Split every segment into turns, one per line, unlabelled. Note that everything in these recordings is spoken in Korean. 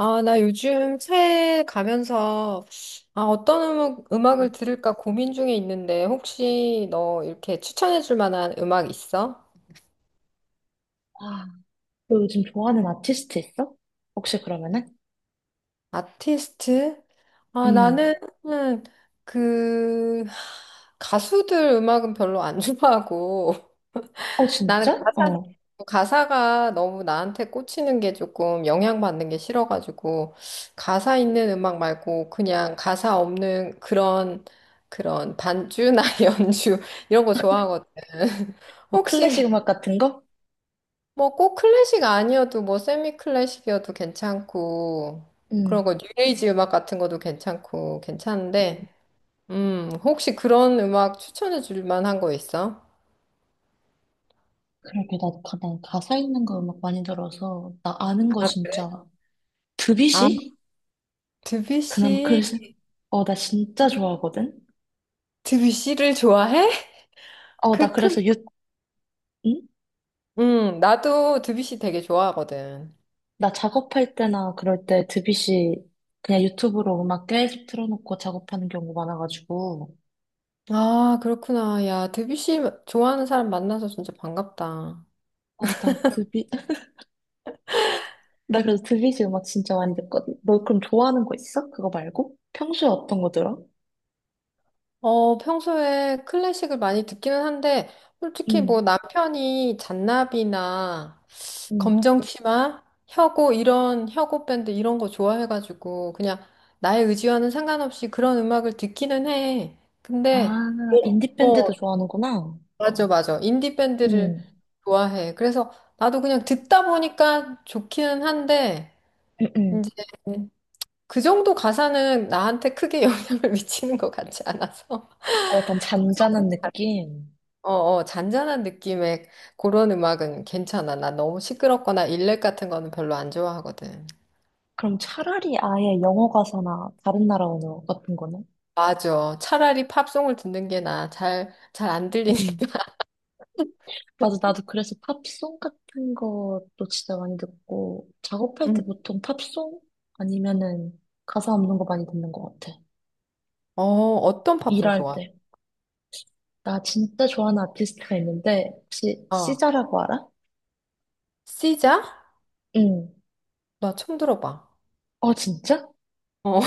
아, 나 요즘 차에 가면서 아, 어떤 음악을 들을까 고민 중에 있는데 혹시 너 이렇게 추천해 줄 만한 음악 있어?
아, 너 요즘 좋아하는 아티스트 있어? 혹시 그러면은?
아티스트? 아, 나는
음.
음, 그 가수들 음악은 별로 안 좋아하고
어,
나는
진짜?
가사,
어.
가사가 너무 나한테 꽂히는 게 조금 영향받는 게 싫어가지고, 가사 있는 음악 말고 그냥 가사 없는 그런, 그런 반주나 연주, 이런 거 좋아하거든.
뭐
혹시
클래식 음악 같은 거?
뭐 꼭 클래식 아니어도 뭐 세미 클래식이어도 괜찮고, 그런
음.
거 뉴에이지 음악 같은 것도 괜찮고, 괜찮은데,
음.
혹시 그런 음악 추천해 줄 만한 거 있어?
그러게, 나, 가, 난 가사 있는 거 음악 많이 들어서, 나 아는 거
아,
진짜.
아,
드뷔시? 그나마
드뷔시,
클래식? 어, 나 진짜 좋아하거든?
드뷔시를 좋아해?
어, 나
그 큰,
그래서 유, 응?
나도 드뷔시 되게 좋아하거든.
나 작업할 때나 그럴 때 드뷔시 그냥 유튜브로 음악 계속 틀어놓고 작업하는 경우 많아가지고.
아, 그렇구나. 야, 드뷔시 좋아하는 사람 만나서 진짜 반갑다.
어, 나 드뷔, 나 그래서 드비지 음악 진짜 많이 듣거든. 너 그럼 좋아하는 거 있어? 그거 말고? 평소에 어떤 거 들어?
어, 평소에 클래식을 많이 듣기는 한데, 솔직히 뭐
응,
남편이 잔나비나
응.
검정치마, 혁오 이런 혁오 밴드 이런 거 좋아해가지고 그냥 나의 의지와는 상관없이 그런 음악을 듣기는 해. 근데
아, 인디밴드도
어,
좋아하는구나.
맞아, 맞아. 인디 밴드를
응,
좋아해. 그래서 나도 그냥 듣다 보니까 좋기는 한데,
응, 응.
이제 그 정도 가사는 나한테 크게 영향을 미치는 것 같지 않아서.
아, 약간 잔잔한 느낌.
어, 어, 잔잔한 느낌의 그런 음악은 괜찮아. 나 너무 시끄럽거나 일렉 같은 거는 별로 안 좋아하거든.
그럼 차라리 아예 영어 가사나 다른 나라 언어 같은 거는?
맞아. 차라리 팝송을 듣는 게 나아. 잘 안 들리니까.
응. 맞아, 나도 그래서 팝송 같은 것도 진짜 많이 듣고, 작업할 때
음.
보통 팝송? 아니면은 가사 없는 거 많이 듣는 것 같아.
어, 어떤 팝송
일할
좋아?
때. 나 진짜 좋아하는 아티스트가 있는데, 혹시
어,
시자라고 알아?
시자?
응.
나 처음 들어봐.
어, 진짜?
어,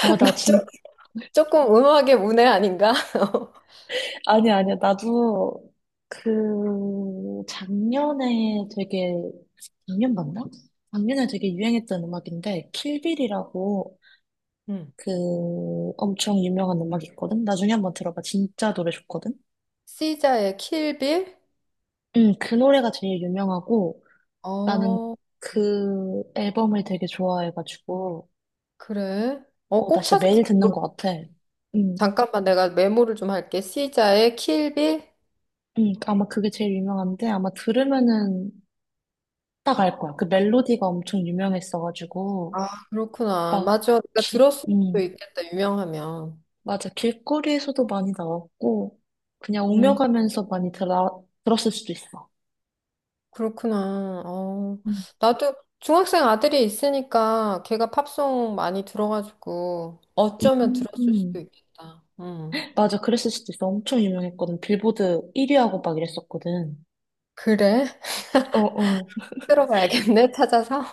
와,
나
나 진,
조금 음악의 문외 아닌가?
아니, 야 아니야, 아니야. 나도 그, 작년에 되게, 작년 맞나? 작년에 되게 유행했던 음악인데, 킬빌이라고
응.
그 엄청 유명한 음악이 있거든? 나중에 한번 들어봐. 진짜 노래 좋거든?
시자의 킬빌?
응, 그 노래가 제일 유명하고, 나는
어,
그 앨범을 되게 좋아해가지고,
그래. 어,
어, 나
꼭
진짜
찾아.
매일 듣는 것 같아. 응.
잠깐만, 내가 메모를 좀 할게. 시자의 킬빌?
아마 그게 제일 유명한데 아마 들으면은 딱 알 거야. 그 멜로디가 엄청 유명했어가지고
아, 그렇구나.
막
맞아. 내가
기,
들었을 수도 있겠다, 유명하면.
맞아. 길거리에서도 많이 나왔고 그냥
음,
오며가면서 많이 들어, 들었을 수도 있어.
그렇구나. 어,
음.
나도 중학생 아들이 있으니까 걔가 팝송 많이 들어가지고 어쩌면 들었을 수도
음.
있겠다.
맞아. 그랬을 수도 있어. 엄청 유명했거든. 빌보드 1위하고 막 이랬었거든.
그래?
어, 어.
들어가야겠네, 찾아서.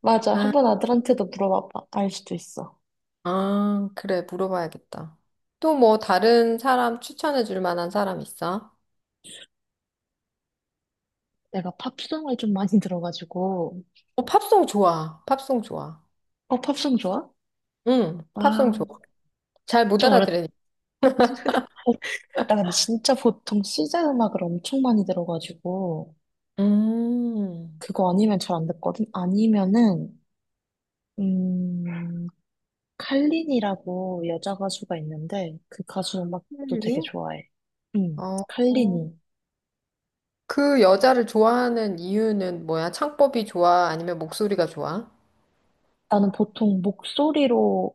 맞아.
아.
한번 아들한테도 물어봐봐. 알 수도 있어.
아, 그래, 물어봐야겠다. 또 뭐 다른 사람 추천해 줄 만한 사람 있어?
내가 팝송을 좀 많이 들어가지고.
어, 팝송 좋아. 팝송 좋아.
어, 팝송 좋아?
응, 팝송
아,
좋아. 잘 못
좀 어렸,
알아들으니.
나 근데 진짜 보통 시제 음악을 엄청 많이 들어가지고
음,
그거 아니면 잘 안 듣거든. 아니면은 음 칼린이라고 여자 가수가 있는데 그 가수 음악도
힐리?
되게 좋아해. 음
어, 어.
칼린이.
그 여자를 좋아하는 이유는 뭐야? 창법이 좋아? 아니면 목소리가 좋아?
나는 보통 목소리로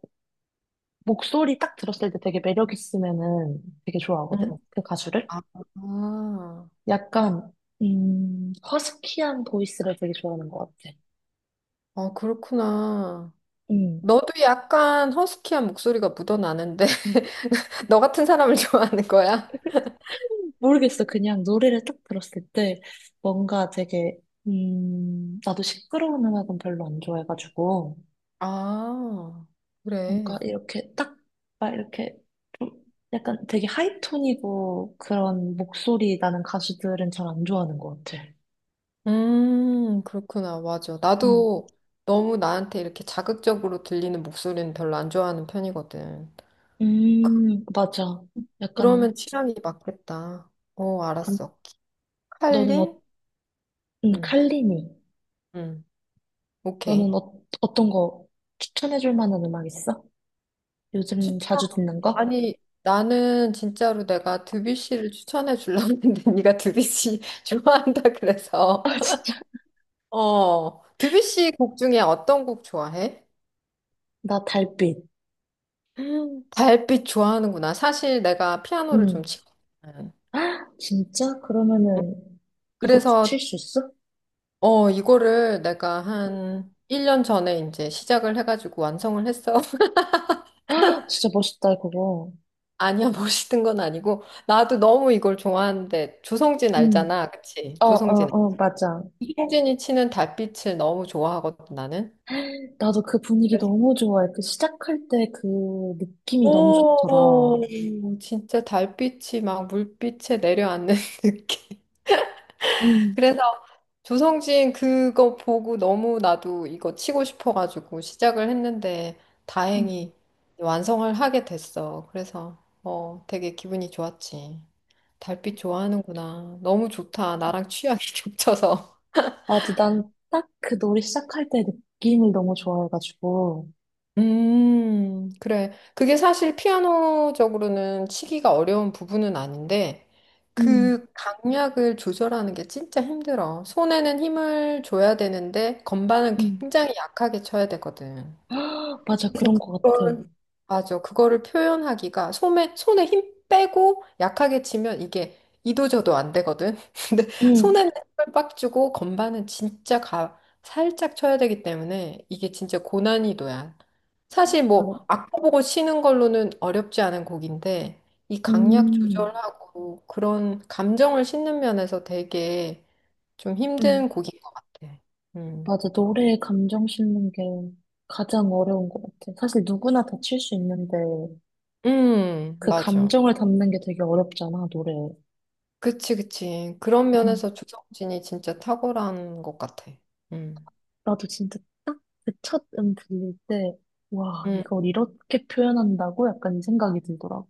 목소리 딱 들었을 때 되게 매력 있으면은 되게
응.
좋아하거든. 그 가수를.
아, 아,
약간 허스키한 보이스를 되게 좋아하는 것 같아.
어, 그렇구나.
음
너도 약간 허스키한 목소리가 묻어나는데, 너 같은 사람을 좋아하는 거야?
모르겠어. 그냥 노래를 딱 들었을 때 뭔가 되게, 나도 시끄러운 음악은 별로 안 좋아해가지고,
아,
뭔가
그래.
이렇게 딱, 막 이렇게 좀 약간 되게 하이톤이고 그런 목소리 나는 가수들은 잘 안 좋아하는 것 같아.
그렇구나. 맞아.
음,
나도 너무 나한테 이렇게 자극적으로 들리는 목소리는 별로 안 좋아하는 편이거든.
맞아.
그러면
약간,
취향이 맞겠다. 어,
그럼
알았어.
너는 어,
칼린? 응,
칼리니.
응.
너는
오케이.
어, 어떤 거 추천해줄 만한 음악 있어? 요즘
추천.
자주 듣는 거?
아니, 나는 진짜로 내가 드뷔시를 추천해 주려고 했는데 네가 드뷔시 좋아한다 그래서.
아, 진짜?
어, 드뷔시 곡 중에 어떤 곡 좋아해?
나 달빛.
달빛 좋아하는구나. 사실 내가 피아노를
응.
좀 치거든.
헉, 진짜? 그러면은 이것도 칠
그래서,
수 있어?
어, 이거를 내가 한 1년 전에 이제 시작을 해가지고 완성을 했어.
아, 진짜 멋있다, 그거.
아니야, 멋있는 건 아니고. 나도 너무 이걸 좋아하는데, 조성진
응.
알잖아. 그치?
어, 어,
조성진.
어, 맞아.
조성진이 치는 달빛을 너무 좋아하거든, 나는.
나도 그 분위기 너무 좋아해. 그 시작할 때 그 느낌이 너무 좋더라.
오, 진짜 달빛이 막 물빛에 내려앉는 느낌.
응,
그래서 조성진 그거 보고 너무 나도 이거 치고 싶어가지고 시작을 했는데
응.
다행히 완성을 하게 됐어. 그래서 어, 되게 기분이 좋았지. 달빛 좋아하는구나. 너무 좋다. 나랑 취향이 겹쳐서.
맞아. 난 딱 그 노래 시작할 때 느낌을 너무 좋아해가지고.
그래. 그게 사실 피아노적으로는 치기가 어려운 부분은 아닌데
응,
그 강약을 조절하는 게 진짜 힘들어. 손에는 힘을 줘야 되는데 건반은
응.
굉장히 약하게 쳐야 되거든.
아, 맞아.
그래서
그런 것 같아.
그걸 맞아. 그거를 표현하기가 손에 힘 빼고 약하게 치면 이게 이도저도 안 되거든. 근데
응.
손에는 힘을 빡 주고 건반은 진짜 가 살짝 쳐야 되기 때문에 이게 진짜 고난이도야. 사실 뭐
맞아.
악보 보고 치는 걸로는 어렵지 않은 곡인데 이 강약
음,
조절하고 그런 감정을 싣는 면에서 되게 좀 힘든
응.
곡인 것 같아. 음.
맞아. 노래에 감정 싣는 게 가장 어려운 것 같아. 사실 누구나 다 칠 수 있는데 그
맞아.
감정을 담는 게 되게 어렵잖아, 노래.
그치, 그치. 그런
음,
면에서 조성진이 진짜 탁월한 것 같아. 음,
나도 진짜 딱 그 첫 들릴 때, 와,
음,
이걸 이렇게 표현한다고? 약간 이 생각이 들더라고.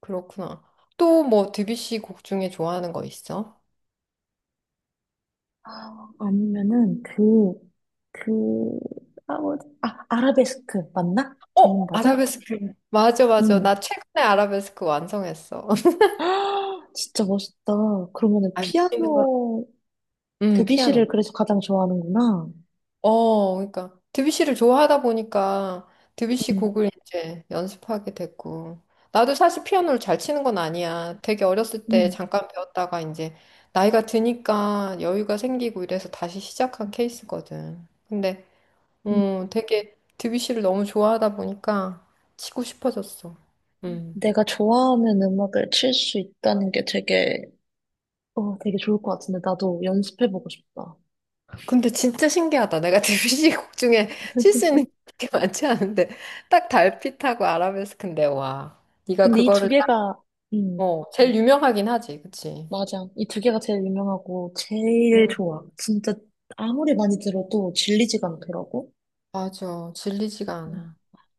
그렇구나. 또 뭐 드뷔시 곡 중에 좋아하는 거 있어?
아, 아니면은 그, 그, 아, 뭐지? 아, 아라베스크 맞나?
어,
제목 맞아?
아라베스크. 맞아, 맞아. 나
응.
최근에 아라베스크 완성했어.
아, 진짜 멋있다. 그러면은
아, 있는 거.
피아노
피아노.
드뷔시를 그래서 가장 좋아하는구나.
어, 그러니까 드뷔시를 좋아하다 보니까 드뷔시 곡을 이제 연습하게 됐고 나도 사실 피아노를 잘 치는 건 아니야. 되게 어렸을 때
음,
잠깐 배웠다가 이제 나이가 드니까 여유가 생기고 이래서 다시 시작한 케이스거든. 근데
음.
되게 드뷔시를 너무 좋아하다 보니까 치고 싶어졌어. 음.
내가 좋아하는 음악을 칠 수 있다는 게 되게, 어, 되게 좋을 것 같은데, 나도 연습해보고 싶다.
근데 진짜 신기하다. 내가 드뷔시 곡 중에 칠 수 있는 게 많지 않은데 딱 달빛하고 아라베스크인데 와. 네가
근데 이 두
그거를
개가, 음,
어, 제일 유명하긴 하지, 그치?
맞아. 이 두 개가 제일 유명하고, 제일
음.
좋아. 진짜, 아무리 많이 들어도 질리지가 않더라고.
맞아. 질리지가
음,
않아.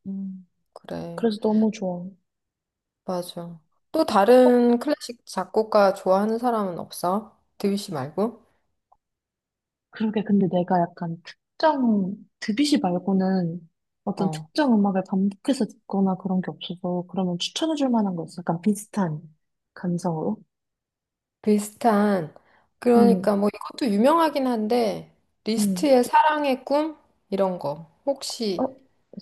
음, 그래.
그래서 너무 좋아.
맞아. 또
어?
다른 클래식 작곡가 좋아하는 사람은 없어? 드뷔시 말고?
그러게, 근데 내가 약간 특정, 드뷔시 말고는 어떤
어,
특정 음악을 반복해서 듣거나 그런 게 없어서, 그러면 추천해줄 만한 거 있어? 약간 비슷한 감성으로?
비슷한.
응
그러니까 뭐 이것도 유명하긴 한데,
응
리스트의 사랑의 꿈? 이런 거.
어,
혹시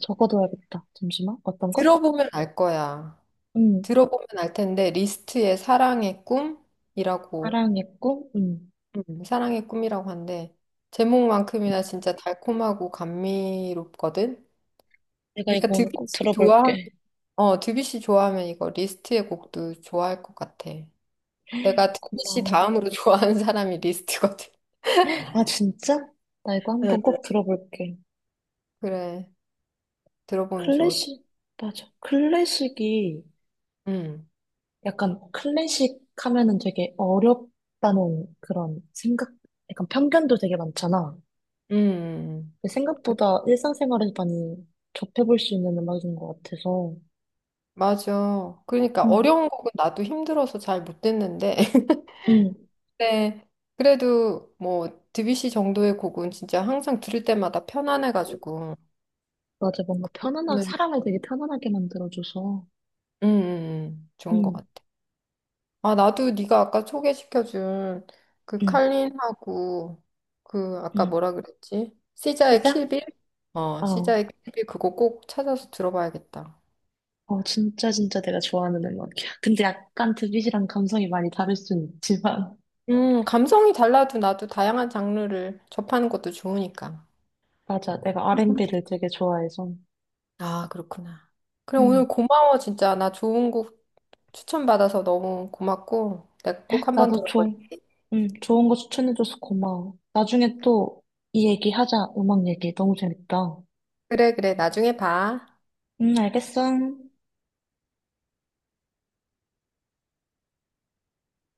적어둬야겠다. 잠시만. 어떤 거?
들어보면 알 거야.
응,
들어보면 알 텐데, 리스트의 사랑의 꿈이라고
사랑했고, 응.
사랑의 꿈이라고 한데 제목만큼이나 진짜 달콤하고 감미롭거든.
내가 이거
네가
오늘 꼭
드뷔시 좋아하면
들어볼게.
이거 리스트의 곡도 좋아할 것 같아. 내가 드뷔시
고마워.
다음으로 좋아하는 사람이 리스트거든.
아, 진짜? 나 이거 한번
응.
꼭 들어볼게.
그래 들어보면 좋을 것. 같아.
클래식, 맞아. 클래식이,
음,
약간 클래식 하면은 되게 어렵다는 그런 생각, 약간 편견도 되게 많잖아.
음,
근데
그,
생각보다 일상생활에서 많이 접해볼 수 있는 음악인 것 같아서.
맞아. 그러니까
응,
어려운 곡은 나도 힘들어서 잘 못 듣는데.
응.
네, 그래도 뭐 드뷔시 정도의 곡은 진짜 항상 들을 때마다 편안해가지고.
맞아. 뭔가 편안하게, 사람을 되게 편안하게 만들어줘서.
좋은 것
응,
같아. 아, 나도 네가 아까 소개시켜준 그
응,
칼린하고 그 아까
응.
뭐라 그랬지? 시자의
시작?
킬빌? 어,
어,
시자의 킬빌 그거 꼭 찾아서 들어봐야겠다.
어, 진짜, 진짜 내가 좋아하는 음악이야. 근데 약간 드빗이랑 감성이 많이 다를 순 있지만.
감성이 달라도 나도 다양한 장르를 접하는 것도 좋으니까.
맞아, 내가 R&B를 되게 좋아해서.
아, 그렇구나. 그럼
응,
오늘 고마워, 진짜. 나 좋은 곡 추천받아서 너무 고맙고, 내가 꼭 한번
나도 좋,
들어볼게.
응, 좋은 거 추천해줘서 고마워. 나중에 또 이 얘기 하자, 음악 얘기. 너무 재밌다.
그래, 그래. 나중에 봐.
응, 알겠어.